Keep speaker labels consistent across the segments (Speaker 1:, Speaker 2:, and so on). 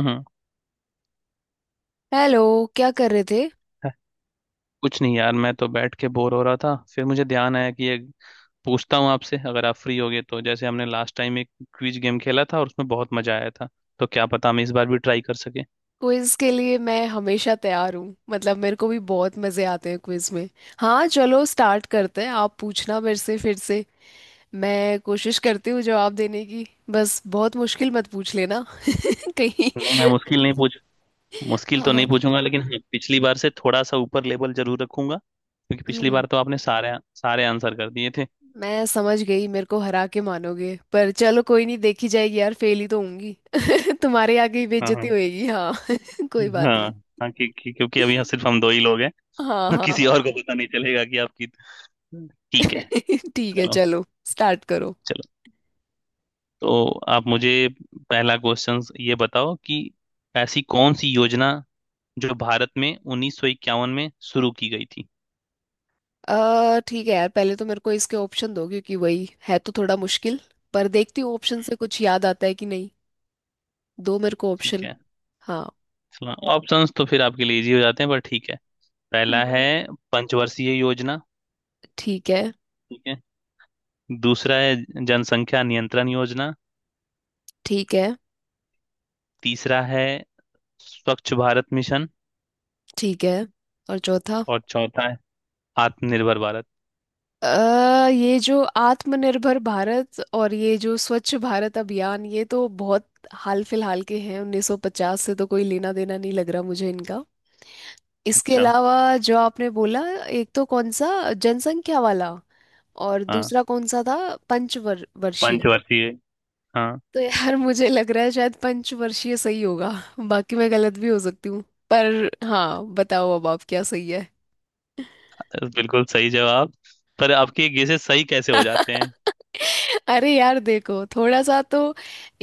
Speaker 1: हम्म।
Speaker 2: Hello. क्या कर रहे थे?
Speaker 1: है- कुछ नहीं यार, मैं तो बैठ के बोर हो रहा था। फिर मुझे ध्यान आया कि ये पूछता हूँ आपसे, अगर आप फ्री होगे तो जैसे हमने लास्ट टाइम एक क्विज गेम खेला था और उसमें बहुत मजा आया था, तो क्या पता हम इस बार भी ट्राई कर सके।
Speaker 2: क्विज के लिए मैं हमेशा तैयार हूँ। मतलब मेरे को भी बहुत मजे आते हैं क्विज में। हाँ, चलो स्टार्ट करते हैं। आप पूछना मेरे से फिर से, मैं कोशिश करती हूँ जवाब देने की। बस बहुत मुश्किल मत पूछ लेना कहीं।
Speaker 1: नहीं मैं मुश्किल नहीं पूछ, मुश्किल
Speaker 2: हाँ
Speaker 1: तो
Speaker 2: हाँ।
Speaker 1: नहीं पूछूंगा, लेकिन हाँ पिछली बार से थोड़ा सा ऊपर लेवल जरूर रखूंगा, क्योंकि पिछली
Speaker 2: हम्म,
Speaker 1: बार तो आपने सारे सारे आंसर कर दिए थे।
Speaker 2: मैं समझ गई, मेरे को हरा के मानोगे। पर चलो, कोई नहीं, देखी जाएगी यार, फेल ही तो होंगी। तुम्हारे आगे ही
Speaker 1: हाँ
Speaker 2: बेइज्जती
Speaker 1: हाँ।
Speaker 2: होएगी। हाँ कोई बात
Speaker 1: हाँ।
Speaker 2: नहीं।
Speaker 1: हाँ, क्योंकि अभी यहाँ सिर्फ हम दो ही लोग हैं।
Speaker 2: हाँ हाँ।
Speaker 1: किसी और को पता नहीं चलेगा कि ठीक है।
Speaker 2: ठीक है,
Speaker 1: चलो।
Speaker 2: चलो, स्टार्ट करो।
Speaker 1: चलो। तो आप मुझे पहला क्वेश्चन ये बताओ कि ऐसी कौन सी योजना जो भारत में 1951 में शुरू की गई थी?
Speaker 2: ठीक है यार, पहले तो मेरे को इसके ऑप्शन दो, क्योंकि वही है तो थोड़ा मुश्किल। पर देखती हूँ ऑप्शन से कुछ याद आता है कि नहीं। दो मेरे को
Speaker 1: ठीक
Speaker 2: ऑप्शन।
Speaker 1: है।
Speaker 2: हाँ।
Speaker 1: ऑप्शंस तो फिर आपके लिए इजी हो जाते हैं, पर ठीक है। पहला है
Speaker 2: हाँ।
Speaker 1: पंचवर्षीय योजना।
Speaker 2: ठीक है।
Speaker 1: ठीक है। दूसरा है जनसंख्या नियंत्रण योजना।
Speaker 2: ठीक है।
Speaker 1: तीसरा है स्वच्छ भारत मिशन।
Speaker 2: ठीक है। और चौथा?
Speaker 1: और चौथा है आत्मनिर्भर भारत।
Speaker 2: ये जो आत्मनिर्भर भारत और ये जो स्वच्छ भारत अभियान, ये तो बहुत हाल फिलहाल के हैं। 1950 से तो कोई लेना देना नहीं लग रहा मुझे इनका। इसके
Speaker 1: अच्छा।
Speaker 2: अलावा जो आपने बोला, एक तो कौन सा जनसंख्या वाला, और
Speaker 1: हाँ,
Speaker 2: दूसरा कौन सा था? पंचवर्षीय।
Speaker 1: पंचवर्षीय। हाँ,
Speaker 2: तो यार मुझे लग रहा है शायद पंचवर्षीय सही होगा। बाकी मैं गलत भी हो सकती हूँ। पर हाँ, बताओ अब आप क्या सही है।
Speaker 1: बिल्कुल सही जवाब। पर आपके गेसेस सही कैसे हो जाते हैं?
Speaker 2: अरे यार देखो, थोड़ा सा तो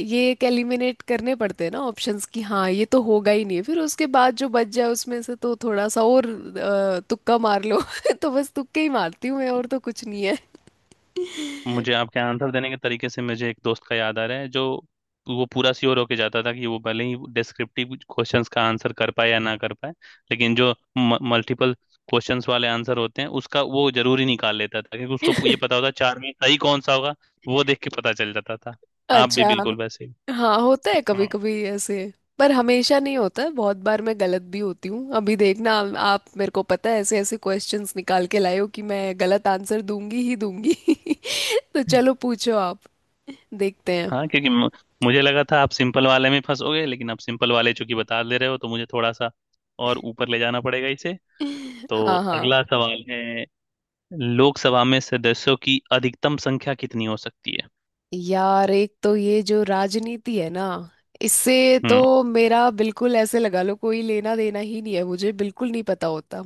Speaker 2: ये एलिमिनेट करने पड़ते हैं ना ऑप्शंस की। हाँ, ये तो होगा ही नहीं, फिर उसके बाद जो बच जाए उसमें से तो थोड़ा सा और तुक्का मार लो। तो बस तुक्के ही मारती हूँ मैं, और तो कुछ नहीं है।
Speaker 1: मुझे आपके आंसर देने के तरीके से मुझे एक दोस्त का याद आ रहा है, जो वो पूरा श्योर होके जाता था कि वो भले ही डिस्क्रिप्टिव क्वेश्चंस का आंसर कर पाए या ना कर पाए, लेकिन जो मल्टीपल क्वेश्चंस वाले आंसर होते हैं उसका वो जरूर ही निकाल लेता था, क्योंकि उसको ये पता होता चार में सही कौन सा होगा। वो देख के पता चल जाता था। आप भी
Speaker 2: अच्छा।
Speaker 1: बिल्कुल वैसे ही।
Speaker 2: हाँ, होता है कभी
Speaker 1: हाँ।
Speaker 2: कभी ऐसे। पर हमेशा नहीं होता है, बहुत बार मैं गलत भी होती हूँ। अभी देखना, आप मेरे को पता है ऐसे ऐसे क्वेश्चंस निकाल के लाए हो कि मैं गलत आंसर दूंगी ही दूंगी। तो चलो, पूछो आप, देखते हैं।
Speaker 1: हाँ, मुझे लगा था आप सिंपल वाले में फंसोगे, लेकिन आप सिंपल वाले चूंकि बता दे रहे हो तो मुझे थोड़ा सा और ऊपर ले जाना पड़ेगा इसे। तो
Speaker 2: हाँ हाँ।
Speaker 1: अगला सवाल है, लोकसभा में सदस्यों की अधिकतम संख्या कितनी हो सकती है?
Speaker 2: यार एक तो ये जो राजनीति है ना, इससे तो
Speaker 1: हम्म।
Speaker 2: मेरा बिल्कुल ऐसे लगा लो कोई लेना देना ही नहीं है, मुझे बिल्कुल नहीं पता होता।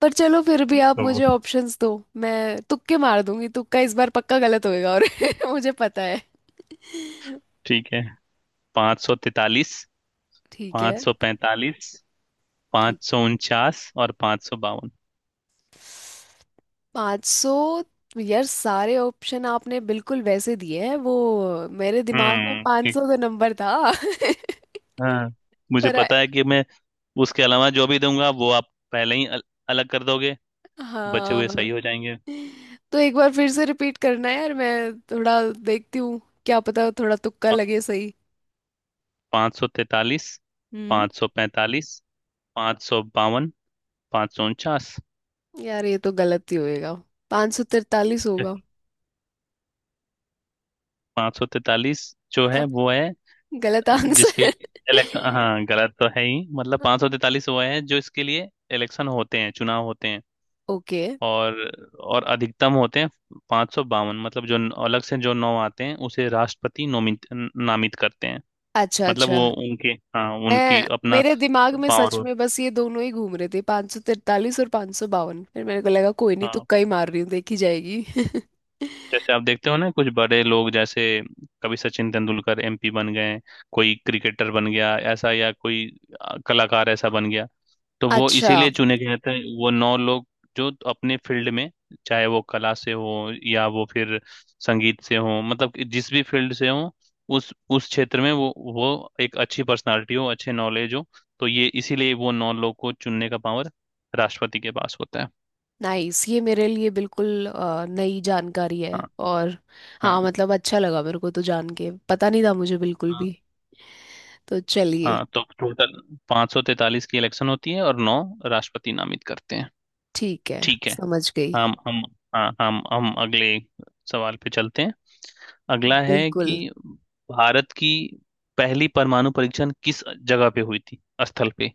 Speaker 2: पर चलो फिर भी आप
Speaker 1: तो
Speaker 2: मुझे ऑप्शंस दो, मैं तुक्के मार दूंगी। तुक्का इस बार पक्का गलत होएगा, और मुझे पता है।
Speaker 1: ठीक है। पाँच सौ तैतालीस,
Speaker 2: ठीक है।
Speaker 1: 545,
Speaker 2: ठीक।
Speaker 1: 549 और 552।
Speaker 2: पाँच सौ। यार सारे ऑप्शन आपने बिल्कुल वैसे दिए हैं, वो मेरे दिमाग में
Speaker 1: हम्म,
Speaker 2: पाँच सौ तो
Speaker 1: ठीक।
Speaker 2: नंबर था।
Speaker 1: हाँ मुझे
Speaker 2: पर
Speaker 1: पता है कि मैं उसके अलावा जो भी दूंगा वो आप पहले ही अलग कर दोगे, बचे हुए
Speaker 2: हाँ,
Speaker 1: सही हो जाएंगे।
Speaker 2: तो एक बार फिर से रिपीट करना है यार, मैं थोड़ा देखती हूँ, क्या पता थोड़ा तुक्का लगे सही।
Speaker 1: 543,
Speaker 2: हम्म।
Speaker 1: पाँच सौ पैंतालीस, 552, 549।
Speaker 2: यार ये तो गलत ही होएगा, 543 होगा।
Speaker 1: 543 जो
Speaker 2: हाँ,
Speaker 1: है वो है।
Speaker 2: गलत
Speaker 1: जिसकी
Speaker 2: आंसर।
Speaker 1: इलेक्शन, हाँ, गलत तो है ही, मतलब 543 वो है जो इसके लिए इलेक्शन होते हैं, चुनाव होते हैं।
Speaker 2: ओके।
Speaker 1: और और अधिकतम होते हैं 552, मतलब जो अलग से जो नौ आते हैं उसे राष्ट्रपति नोमित न- नामित करते हैं।
Speaker 2: अच्छा
Speaker 1: मतलब
Speaker 2: अच्छा,
Speaker 1: वो उनके, हाँ, उनकी
Speaker 2: मैं
Speaker 1: अपना
Speaker 2: मेरे दिमाग में
Speaker 1: पावर
Speaker 2: सच
Speaker 1: हो।
Speaker 2: में बस ये दोनों ही घूम रहे थे, 543 और 552। फिर मेरे को लगा कोई नहीं,
Speaker 1: हाँ,
Speaker 2: तुक्का ही मार रही हूँ, देखी जाएगी।
Speaker 1: जैसे आप देखते हो ना, कुछ बड़े लोग, जैसे कभी सचिन तेंदुलकर एमपी बन गए, कोई क्रिकेटर बन गया ऐसा, या कोई कलाकार ऐसा बन गया। तो वो
Speaker 2: अच्छा।
Speaker 1: इसीलिए चुने गए थे वो नौ लोग, जो अपने फील्ड में, चाहे वो कला से हो, या वो फिर संगीत से हो, मतलब कि जिस भी फील्ड से हो, उस क्षेत्र में वो एक अच्छी पर्सनालिटी हो, अच्छे नॉलेज हो। तो ये इसीलिए वो नौ लोग को चुनने का पावर राष्ट्रपति के पास होता है।
Speaker 2: नाइस, ये मेरे लिए बिल्कुल नई जानकारी है।
Speaker 1: हाँ
Speaker 2: और
Speaker 1: हाँ।
Speaker 2: हाँ, मतलब अच्छा लगा मेरे को तो जान के, पता नहीं था मुझे बिल्कुल
Speaker 1: हाँ
Speaker 2: भी। तो चलिए।
Speaker 1: हाँ, तो टोटल 543 की इलेक्शन होती है और नौ राष्ट्रपति नामित करते हैं।
Speaker 2: ठीक है,
Speaker 1: ठीक है।
Speaker 2: समझ गई।
Speaker 1: हम हम। हाँ, हम अगले सवाल पे चलते हैं। अगला है
Speaker 2: बिल्कुल।
Speaker 1: कि भारत की पहली परमाणु परीक्षण किस जगह पे हुई थी, स्थल पे?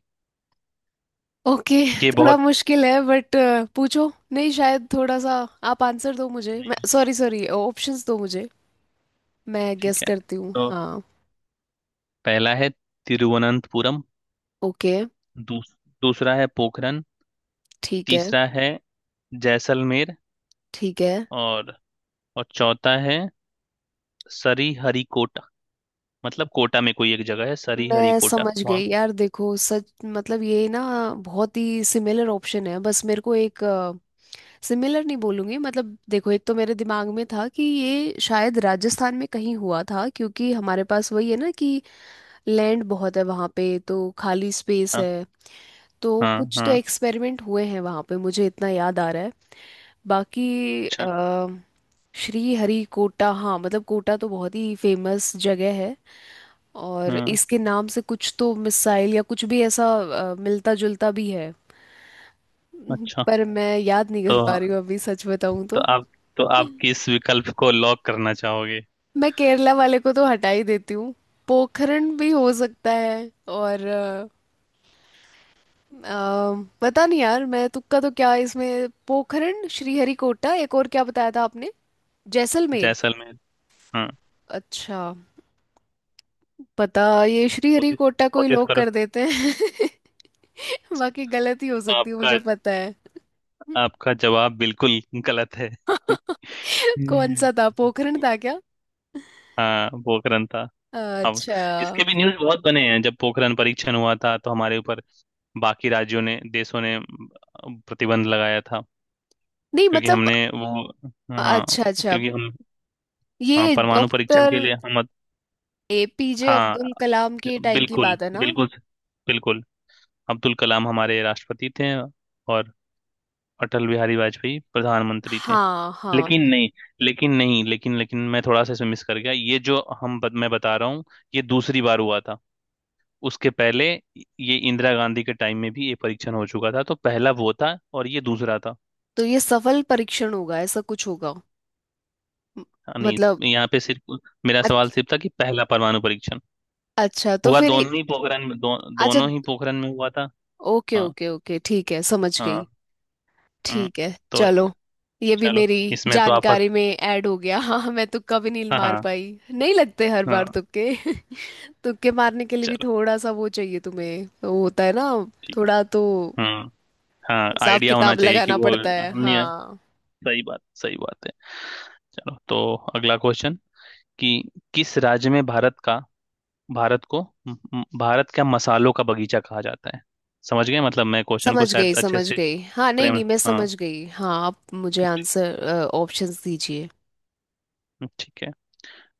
Speaker 2: ओके।
Speaker 1: ये
Speaker 2: थोड़ा
Speaker 1: बहुत।
Speaker 2: मुश्किल है बट पूछो, नहीं शायद थोड़ा सा। आप आंसर दो मुझे, मैं
Speaker 1: नहीं,
Speaker 2: सॉरी सॉरी, ऑप्शंस दो मुझे, मैं गेस
Speaker 1: ठीक है।
Speaker 2: करती हूँ।
Speaker 1: तो
Speaker 2: हाँ।
Speaker 1: पहला है तिरुवनंतपुरम।
Speaker 2: ओके।
Speaker 1: दूस, दूसरा है पोखरन।
Speaker 2: ठीक है।
Speaker 1: तीसरा है जैसलमेर।
Speaker 2: ठीक है।
Speaker 1: और और चौथा है सरीहरिकोटा, मतलब कोटा में कोई एक जगह है
Speaker 2: मैं
Speaker 1: सरीहरिकोटा
Speaker 2: समझ
Speaker 1: वहां
Speaker 2: गई
Speaker 1: पे।
Speaker 2: यार, देखो सच मतलब, ये ना बहुत ही सिमिलर ऑप्शन है। बस मेरे को एक, सिमिलर नहीं बोलूंगी, मतलब देखो, एक तो मेरे दिमाग में था कि ये शायद राजस्थान में कहीं हुआ था, क्योंकि हमारे पास वही है ना कि लैंड बहुत है वहाँ पे, तो खाली स्पेस
Speaker 1: हाँ
Speaker 2: है, तो
Speaker 1: हाँ
Speaker 2: कुछ तो
Speaker 1: हाँ।
Speaker 2: एक्सपेरिमेंट हुए हैं वहाँ पे, मुझे इतना याद आ रहा है। बाकी
Speaker 1: अच्छा।
Speaker 2: आ, श्री हरि कोटा, हाँ, मतलब कोटा तो बहुत ही फेमस जगह है, और
Speaker 1: हाँ,
Speaker 2: इसके नाम से कुछ तो मिसाइल या कुछ भी ऐसा मिलता जुलता भी है।
Speaker 1: अच्छा
Speaker 2: पर मैं याद नहीं
Speaker 1: तो
Speaker 2: कर पा रही हूँ अभी, सच बताऊँ
Speaker 1: तो
Speaker 2: तो।
Speaker 1: आप तो आप किस विकल्प को लॉक करना चाहोगे?
Speaker 2: मैं केरला वाले को तो हटा ही देती हूँ। पोखरण भी हो सकता है, और अ, पता नहीं यार, मैं तुक्का तो, क्या इसमें, पोखरण, श्रीहरिकोटा, एक और क्या बताया था आपने? जैसलमेर।
Speaker 1: जैसलमेर। हाँ,
Speaker 2: अच्छा, पता, ये
Speaker 1: कोशिश
Speaker 2: श्रीहरिकोटा को ही
Speaker 1: कोशिश
Speaker 2: लोग
Speaker 1: करो।
Speaker 2: कर देते हैं। बाकी गलत ही हो सकती है,
Speaker 1: आपका
Speaker 2: मुझे पता है।
Speaker 1: आपका जवाब बिल्कुल गलत है।
Speaker 2: कौन
Speaker 1: हम्म।
Speaker 2: सा था, पोखरण था क्या?
Speaker 1: हाँ, पोखरण था। अब
Speaker 2: अच्छा।
Speaker 1: इसके भी न्यूज़ बहुत बने हैं, जब पोखरण परीक्षण हुआ था तो हमारे ऊपर बाकी राज्यों ने, देशों ने प्रतिबंध लगाया था,
Speaker 2: नहीं
Speaker 1: क्योंकि
Speaker 2: मतलब,
Speaker 1: हमने वो, हाँ,
Speaker 2: अच्छा अच्छा,
Speaker 1: क्योंकि हम, हाँ,
Speaker 2: ये
Speaker 1: परमाणु परीक्षण के
Speaker 2: डॉक्टर
Speaker 1: लिए हम,
Speaker 2: एपीजे
Speaker 1: हाँ,
Speaker 2: अब्दुल कलाम के टाइम की
Speaker 1: बिल्कुल
Speaker 2: बात है ना?
Speaker 1: बिल्कुल। बिल्कुल। अब्दुल कलाम हमारे राष्ट्रपति थे, और अटल बिहारी वाजपेयी प्रधानमंत्री थे।
Speaker 2: हाँ हाँ।
Speaker 1: लेकिन नहीं, लेकिन नहीं, लेकिन लेकिन मैं थोड़ा सा इसमें मिस कर गया। ये जो हम बत, मैं बता रहा हूँ। ये दूसरी बार हुआ था। उसके पहले ये इंदिरा गांधी के टाइम में भी ये परीक्षण हो चुका था, तो पहला वो था और ये दूसरा था।
Speaker 2: तो ये सफल परीक्षण होगा, ऐसा कुछ होगा? म-
Speaker 1: हाँ, नहीं,
Speaker 2: मतलब,
Speaker 1: यहाँ पे सिर्फ मेरा सवाल
Speaker 2: अच-
Speaker 1: सिर्फ था कि पहला परमाणु परीक्षण
Speaker 2: अच्छा तो
Speaker 1: हुआ,
Speaker 2: फिर,
Speaker 1: दोनों ही पोखरण में,
Speaker 2: अच्छा।
Speaker 1: दोनों ही पोखरण में हुआ था।
Speaker 2: ओके
Speaker 1: हाँ
Speaker 2: ओके ओके, ठीक है, समझ
Speaker 1: हाँ।
Speaker 2: गई।
Speaker 1: हम्म,
Speaker 2: ठीक है,
Speaker 1: तो
Speaker 2: चलो, ये भी
Speaker 1: चलो
Speaker 2: मेरी
Speaker 1: इसमें तो आप।
Speaker 2: जानकारी में ऐड हो गया। हाँ, मैं तुक्का भी नहीं
Speaker 1: हाँ
Speaker 2: मार
Speaker 1: हाँ।
Speaker 2: पाई, नहीं लगते हर
Speaker 1: हाँ,
Speaker 2: बार तुक्के। तुक्के मारने के लिए भी
Speaker 1: चलो
Speaker 2: थोड़ा सा वो चाहिए, तुम्हें वो होता है ना,
Speaker 1: ठीक
Speaker 2: थोड़ा तो
Speaker 1: है। हम्म। हाँ,
Speaker 2: हिसाब
Speaker 1: आइडिया होना
Speaker 2: किताब
Speaker 1: चाहिए कि
Speaker 2: लगाना
Speaker 1: वो
Speaker 2: पड़ता है।
Speaker 1: हमने।
Speaker 2: हाँ,
Speaker 1: सही बात, सही बात है। चलो, तो अगला क्वेश्चन कि किस राज्य में भारत का भारत को म- म- भारत का मसालों का बगीचा कहा जाता है? समझ गए, मतलब मैं क्वेश्चन को
Speaker 2: समझ
Speaker 1: शायद
Speaker 2: गई
Speaker 1: अच्छे
Speaker 2: समझ
Speaker 1: से
Speaker 2: गई। हाँ नहीं
Speaker 1: फ्रेम।
Speaker 2: नहीं, मैं
Speaker 1: हाँ।
Speaker 2: समझ गई हाँ। आप मुझे
Speaker 1: ठी-
Speaker 2: आंसर, ऑप्शंस दीजिए।
Speaker 1: ठीक है।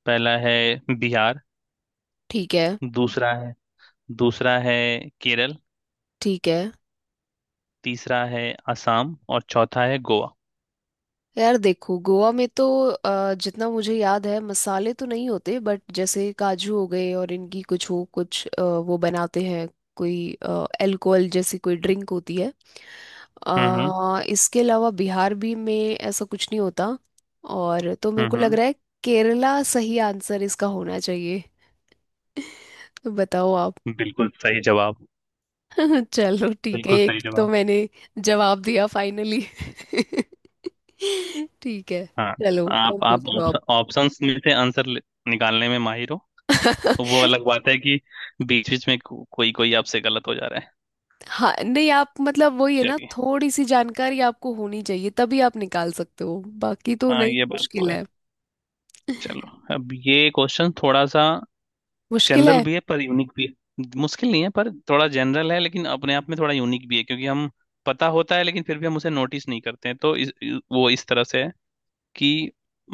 Speaker 1: पहला है बिहार।
Speaker 2: ठीक है।
Speaker 1: दूसरा है दूसरा है केरल।
Speaker 2: ठीक है।
Speaker 1: तीसरा है असम, और चौथा है गोवा।
Speaker 2: यार देखो, गोवा में तो जितना मुझे याद है, मसाले तो नहीं होते, बट जैसे काजू हो गए, और इनकी कुछ वो, कुछ वो बनाते हैं, कोई अल्कोहल जैसी कोई ड्रिंक होती है।
Speaker 1: हम्म।
Speaker 2: इसके अलावा बिहार भी में ऐसा कुछ नहीं होता, और तो मेरे को लग
Speaker 1: हम्म।
Speaker 2: रहा है केरला सही आंसर इसका होना चाहिए। तो बताओ आप।
Speaker 1: बिल्कुल सही जवाब।
Speaker 2: चलो ठीक है,
Speaker 1: बिल्कुल सही
Speaker 2: एक तो
Speaker 1: जवाब।
Speaker 2: मैंने जवाब दिया फाइनली। ठीक है,
Speaker 1: हाँ,
Speaker 2: चलो और
Speaker 1: आप
Speaker 2: पूछो आप।
Speaker 1: ऑप्शन ऑप्शंस में से आंसर निकालने में माहिर हो। तो वो अलग बात है कि बीच बीच में कोई कोई आपसे गलत हो जा रहा है।
Speaker 2: हाँ नहीं, आप मतलब वही है ना,
Speaker 1: चलिए।
Speaker 2: थोड़ी सी जानकारी आपको होनी चाहिए तभी आप निकाल सकते हो। बाकी तो
Speaker 1: हाँ,
Speaker 2: नहीं
Speaker 1: ये बात तो
Speaker 2: मुश्किल
Speaker 1: है।
Speaker 2: है।
Speaker 1: चलो, अब ये क्वेश्चन थोड़ा सा
Speaker 2: मुश्किल
Speaker 1: जनरल
Speaker 2: है।
Speaker 1: भी है, पर यूनिक भी है, मुश्किल नहीं है पर थोड़ा जनरल है, लेकिन अपने आप में थोड़ा यूनिक भी है, क्योंकि हम पता होता है लेकिन फिर भी हम उसे नोटिस नहीं करते हैं, तो वो इस तरह से है कि,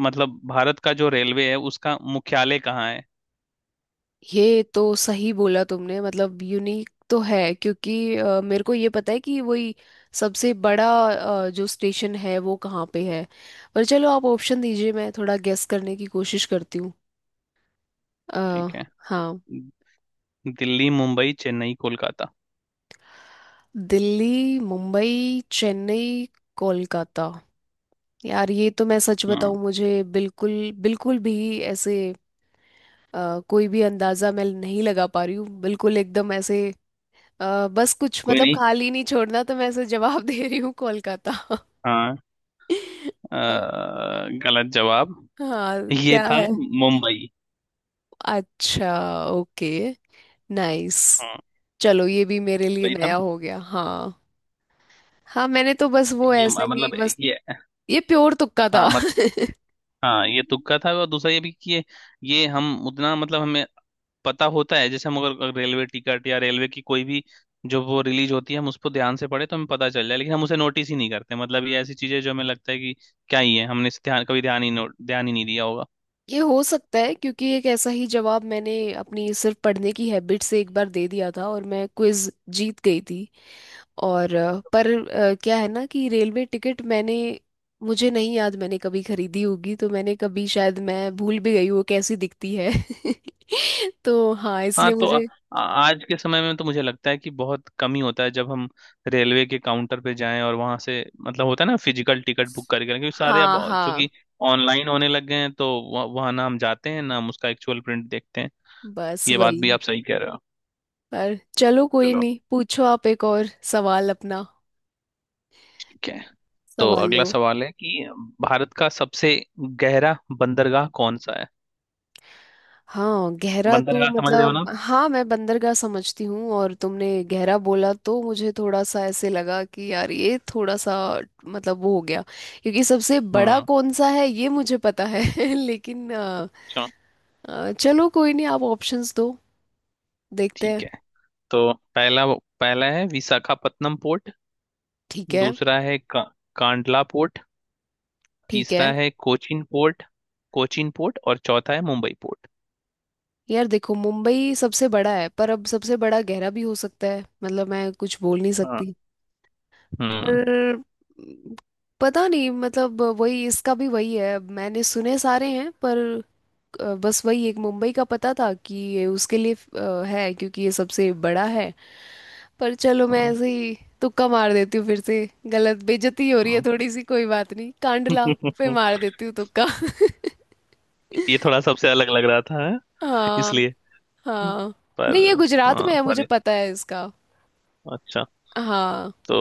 Speaker 1: मतलब भारत का जो रेलवे है उसका मुख्यालय कहाँ है?
Speaker 2: ये तो सही बोला तुमने, मतलब यूनिक तो है, क्योंकि मेरे को ये पता है कि वही सबसे बड़ा जो स्टेशन है वो कहाँ पे है। पर चलो आप ऑप्शन दीजिए, मैं थोड़ा गेस करने की कोशिश करती हूँ। अ,
Speaker 1: ठीक है।
Speaker 2: हाँ।
Speaker 1: दिल्ली, मुंबई, चेन्नई, कोलकाता?
Speaker 2: दिल्ली, मुंबई, चेन्नई, कोलकाता। यार ये तो मैं सच बताऊं,
Speaker 1: हाँ,
Speaker 2: मुझे बिल्कुल, बिल्कुल भी ऐसे कोई भी अंदाजा मैं नहीं लगा पा रही हूँ बिल्कुल एकदम ऐसे। बस कुछ,
Speaker 1: कोई
Speaker 2: मतलब
Speaker 1: नहीं।
Speaker 2: खाली नहीं छोड़ना, तो मैं ऐसे जवाब दे रही हूँ, कोलकाता।
Speaker 1: हाँ, अ, गलत जवाब।
Speaker 2: हाँ,
Speaker 1: ये
Speaker 2: क्या
Speaker 1: था
Speaker 2: है?
Speaker 1: मुंबई।
Speaker 2: अच्छा। ओके। नाइस।
Speaker 1: हाँ,
Speaker 2: चलो, ये भी मेरे लिए
Speaker 1: सही था
Speaker 2: नया
Speaker 1: ना।
Speaker 2: हो गया। हाँ हाँ, मैंने तो बस वो ऐसे ही
Speaker 1: मतलब
Speaker 2: बस,
Speaker 1: ये,
Speaker 2: ये प्योर तुक्का था।
Speaker 1: हाँ। मत हाँ, ये तुक्का था, और दूसरा ये भी कि ये हम उतना, मतलब हमें पता होता है, जैसे हम अगर रेलवे टिकट या रेलवे की कोई भी जो वो रिलीज होती है हम उसको ध्यान से पढ़े तो हमें पता चल जाए, लेकिन हम उसे नोटिस ही नहीं करते। मतलब ये ऐसी चीजें जो हमें लगता है कि क्या ही है, हमने इस ध्यान कभी ध्यान ही ध्यान ही नहीं दिया होगा।
Speaker 2: ये हो सकता है, क्योंकि एक ऐसा ही जवाब मैंने अपनी सिर्फ पढ़ने की हैबिट से एक बार दे दिया था, और मैं क्विज जीत गई थी। और पर क्या है ना कि रेलवे टिकट मैंने, मुझे नहीं याद मैंने कभी खरीदी होगी, तो मैंने कभी, शायद मैं भूल भी गई वो कैसी दिखती है। तो हाँ,
Speaker 1: हाँ,
Speaker 2: इसलिए
Speaker 1: तो आ,
Speaker 2: मुझे।
Speaker 1: आ- आज के समय में तो मुझे लगता है कि बहुत कम ही होता है जब हम रेलवे के काउंटर पे जाएं और वहां से, मतलब होता है ना, फिजिकल टिकट बुक करके, क्योंकि सारे अब
Speaker 2: हाँ हाँ,
Speaker 1: चूंकि ऑनलाइन होने लग गए हैं, तो वहाँ ना हम जाते हैं, ना हम उसका एक्चुअल प्रिंट देखते हैं।
Speaker 2: बस
Speaker 1: ये बात भी
Speaker 2: वही।
Speaker 1: आप सही कह रहे हो।
Speaker 2: पर चलो कोई
Speaker 1: चलो,
Speaker 2: नहीं, पूछो आप एक और सवाल अपना,
Speaker 1: ठीक है। तो
Speaker 2: सवाल
Speaker 1: अगला
Speaker 2: लो।
Speaker 1: सवाल है कि भारत का सबसे गहरा बंदरगाह कौन सा है?
Speaker 2: हाँ गहरा, तो
Speaker 1: बंदरगाह समझ रहे हो ना।
Speaker 2: मतलब हाँ, मैं बंदरगाह समझती हूँ, और तुमने गहरा बोला तो मुझे थोड़ा सा ऐसे लगा कि यार ये थोड़ा सा, मतलब वो हो गया, क्योंकि सबसे बड़ा
Speaker 1: हम्म।
Speaker 2: कौन सा है ये मुझे पता है। लेकिन
Speaker 1: चलो,
Speaker 2: चलो कोई नहीं, आप ऑप्शंस दो, देखते
Speaker 1: ठीक
Speaker 2: हैं।
Speaker 1: है। तो पहला पहला है विशाखापत्तनम पोर्ट।
Speaker 2: ठीक है।
Speaker 1: दूसरा है कांडला पोर्ट।
Speaker 2: ठीक
Speaker 1: तीसरा
Speaker 2: है।
Speaker 1: है कोचिन पोर्ट। और चौथा है मुंबई पोर्ट।
Speaker 2: यार देखो, मुंबई सबसे बड़ा है, पर अब सबसे बड़ा गहरा भी हो सकता है, मतलब मैं कुछ बोल नहीं
Speaker 1: हाँ।
Speaker 2: सकती।
Speaker 1: हम्म
Speaker 2: पर पता नहीं मतलब वही, इसका भी वही है, मैंने सुने सारे हैं, पर बस वही एक मुंबई का पता था कि ये उसके लिए है क्योंकि ये सबसे बड़ा है। पर चलो, मैं
Speaker 1: हम्म।
Speaker 2: ऐसे ही तुक्का मार देती हूँ फिर से, गलत, बेइज्जती हो रही है
Speaker 1: हम्म।
Speaker 2: थोड़ी सी, कोई बात नहीं, कांडला पे मार देती हूँ तुक्का।
Speaker 1: ये थोड़ा सबसे अलग लग रहा था, है?
Speaker 2: हाँ
Speaker 1: इसलिए।
Speaker 2: हाँ।
Speaker 1: पर
Speaker 2: नहीं ये गुजरात
Speaker 1: हाँ,
Speaker 2: में है, मुझे
Speaker 1: पर
Speaker 2: पता है इसका।
Speaker 1: अच्छा,
Speaker 2: हाँ।
Speaker 1: तो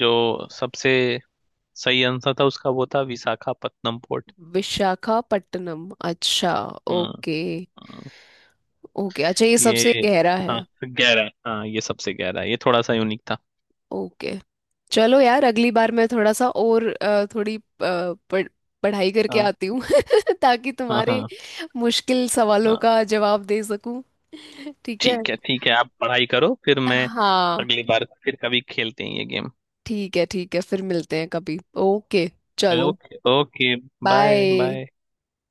Speaker 1: जो सबसे सही आंसर था उसका वो था विशाखापत्तनम पोर्ट।
Speaker 2: विशाखापट्टनम, अच्छा।
Speaker 1: हम्म
Speaker 2: ओके
Speaker 1: हम्म।
Speaker 2: ओके, अच्छा, ये सबसे
Speaker 1: ये,
Speaker 2: गहरा
Speaker 1: हाँ,
Speaker 2: है।
Speaker 1: गहरा, हाँ, ये सबसे गहरा है। ये थोड़ा सा यूनिक था।
Speaker 2: ओके। चलो यार, अगली बार मैं थोड़ा सा और थोड़ी पढ़ाई करके
Speaker 1: हाँ
Speaker 2: आती हूँ ताकि
Speaker 1: हाँ।
Speaker 2: तुम्हारे
Speaker 1: हाँ
Speaker 2: मुश्किल सवालों
Speaker 1: हाँ।
Speaker 2: का जवाब दे सकूं। ठीक है।
Speaker 1: ठीक है, ठीक है, आप पढ़ाई करो, फिर मैं
Speaker 2: हाँ,
Speaker 1: अगली बार फिर कभी खेलते हैं ये गेम।
Speaker 2: ठीक है, ठीक है, फिर मिलते हैं कभी। ओके। चलो।
Speaker 1: Okay okay. Bye
Speaker 2: bye.
Speaker 1: Bye.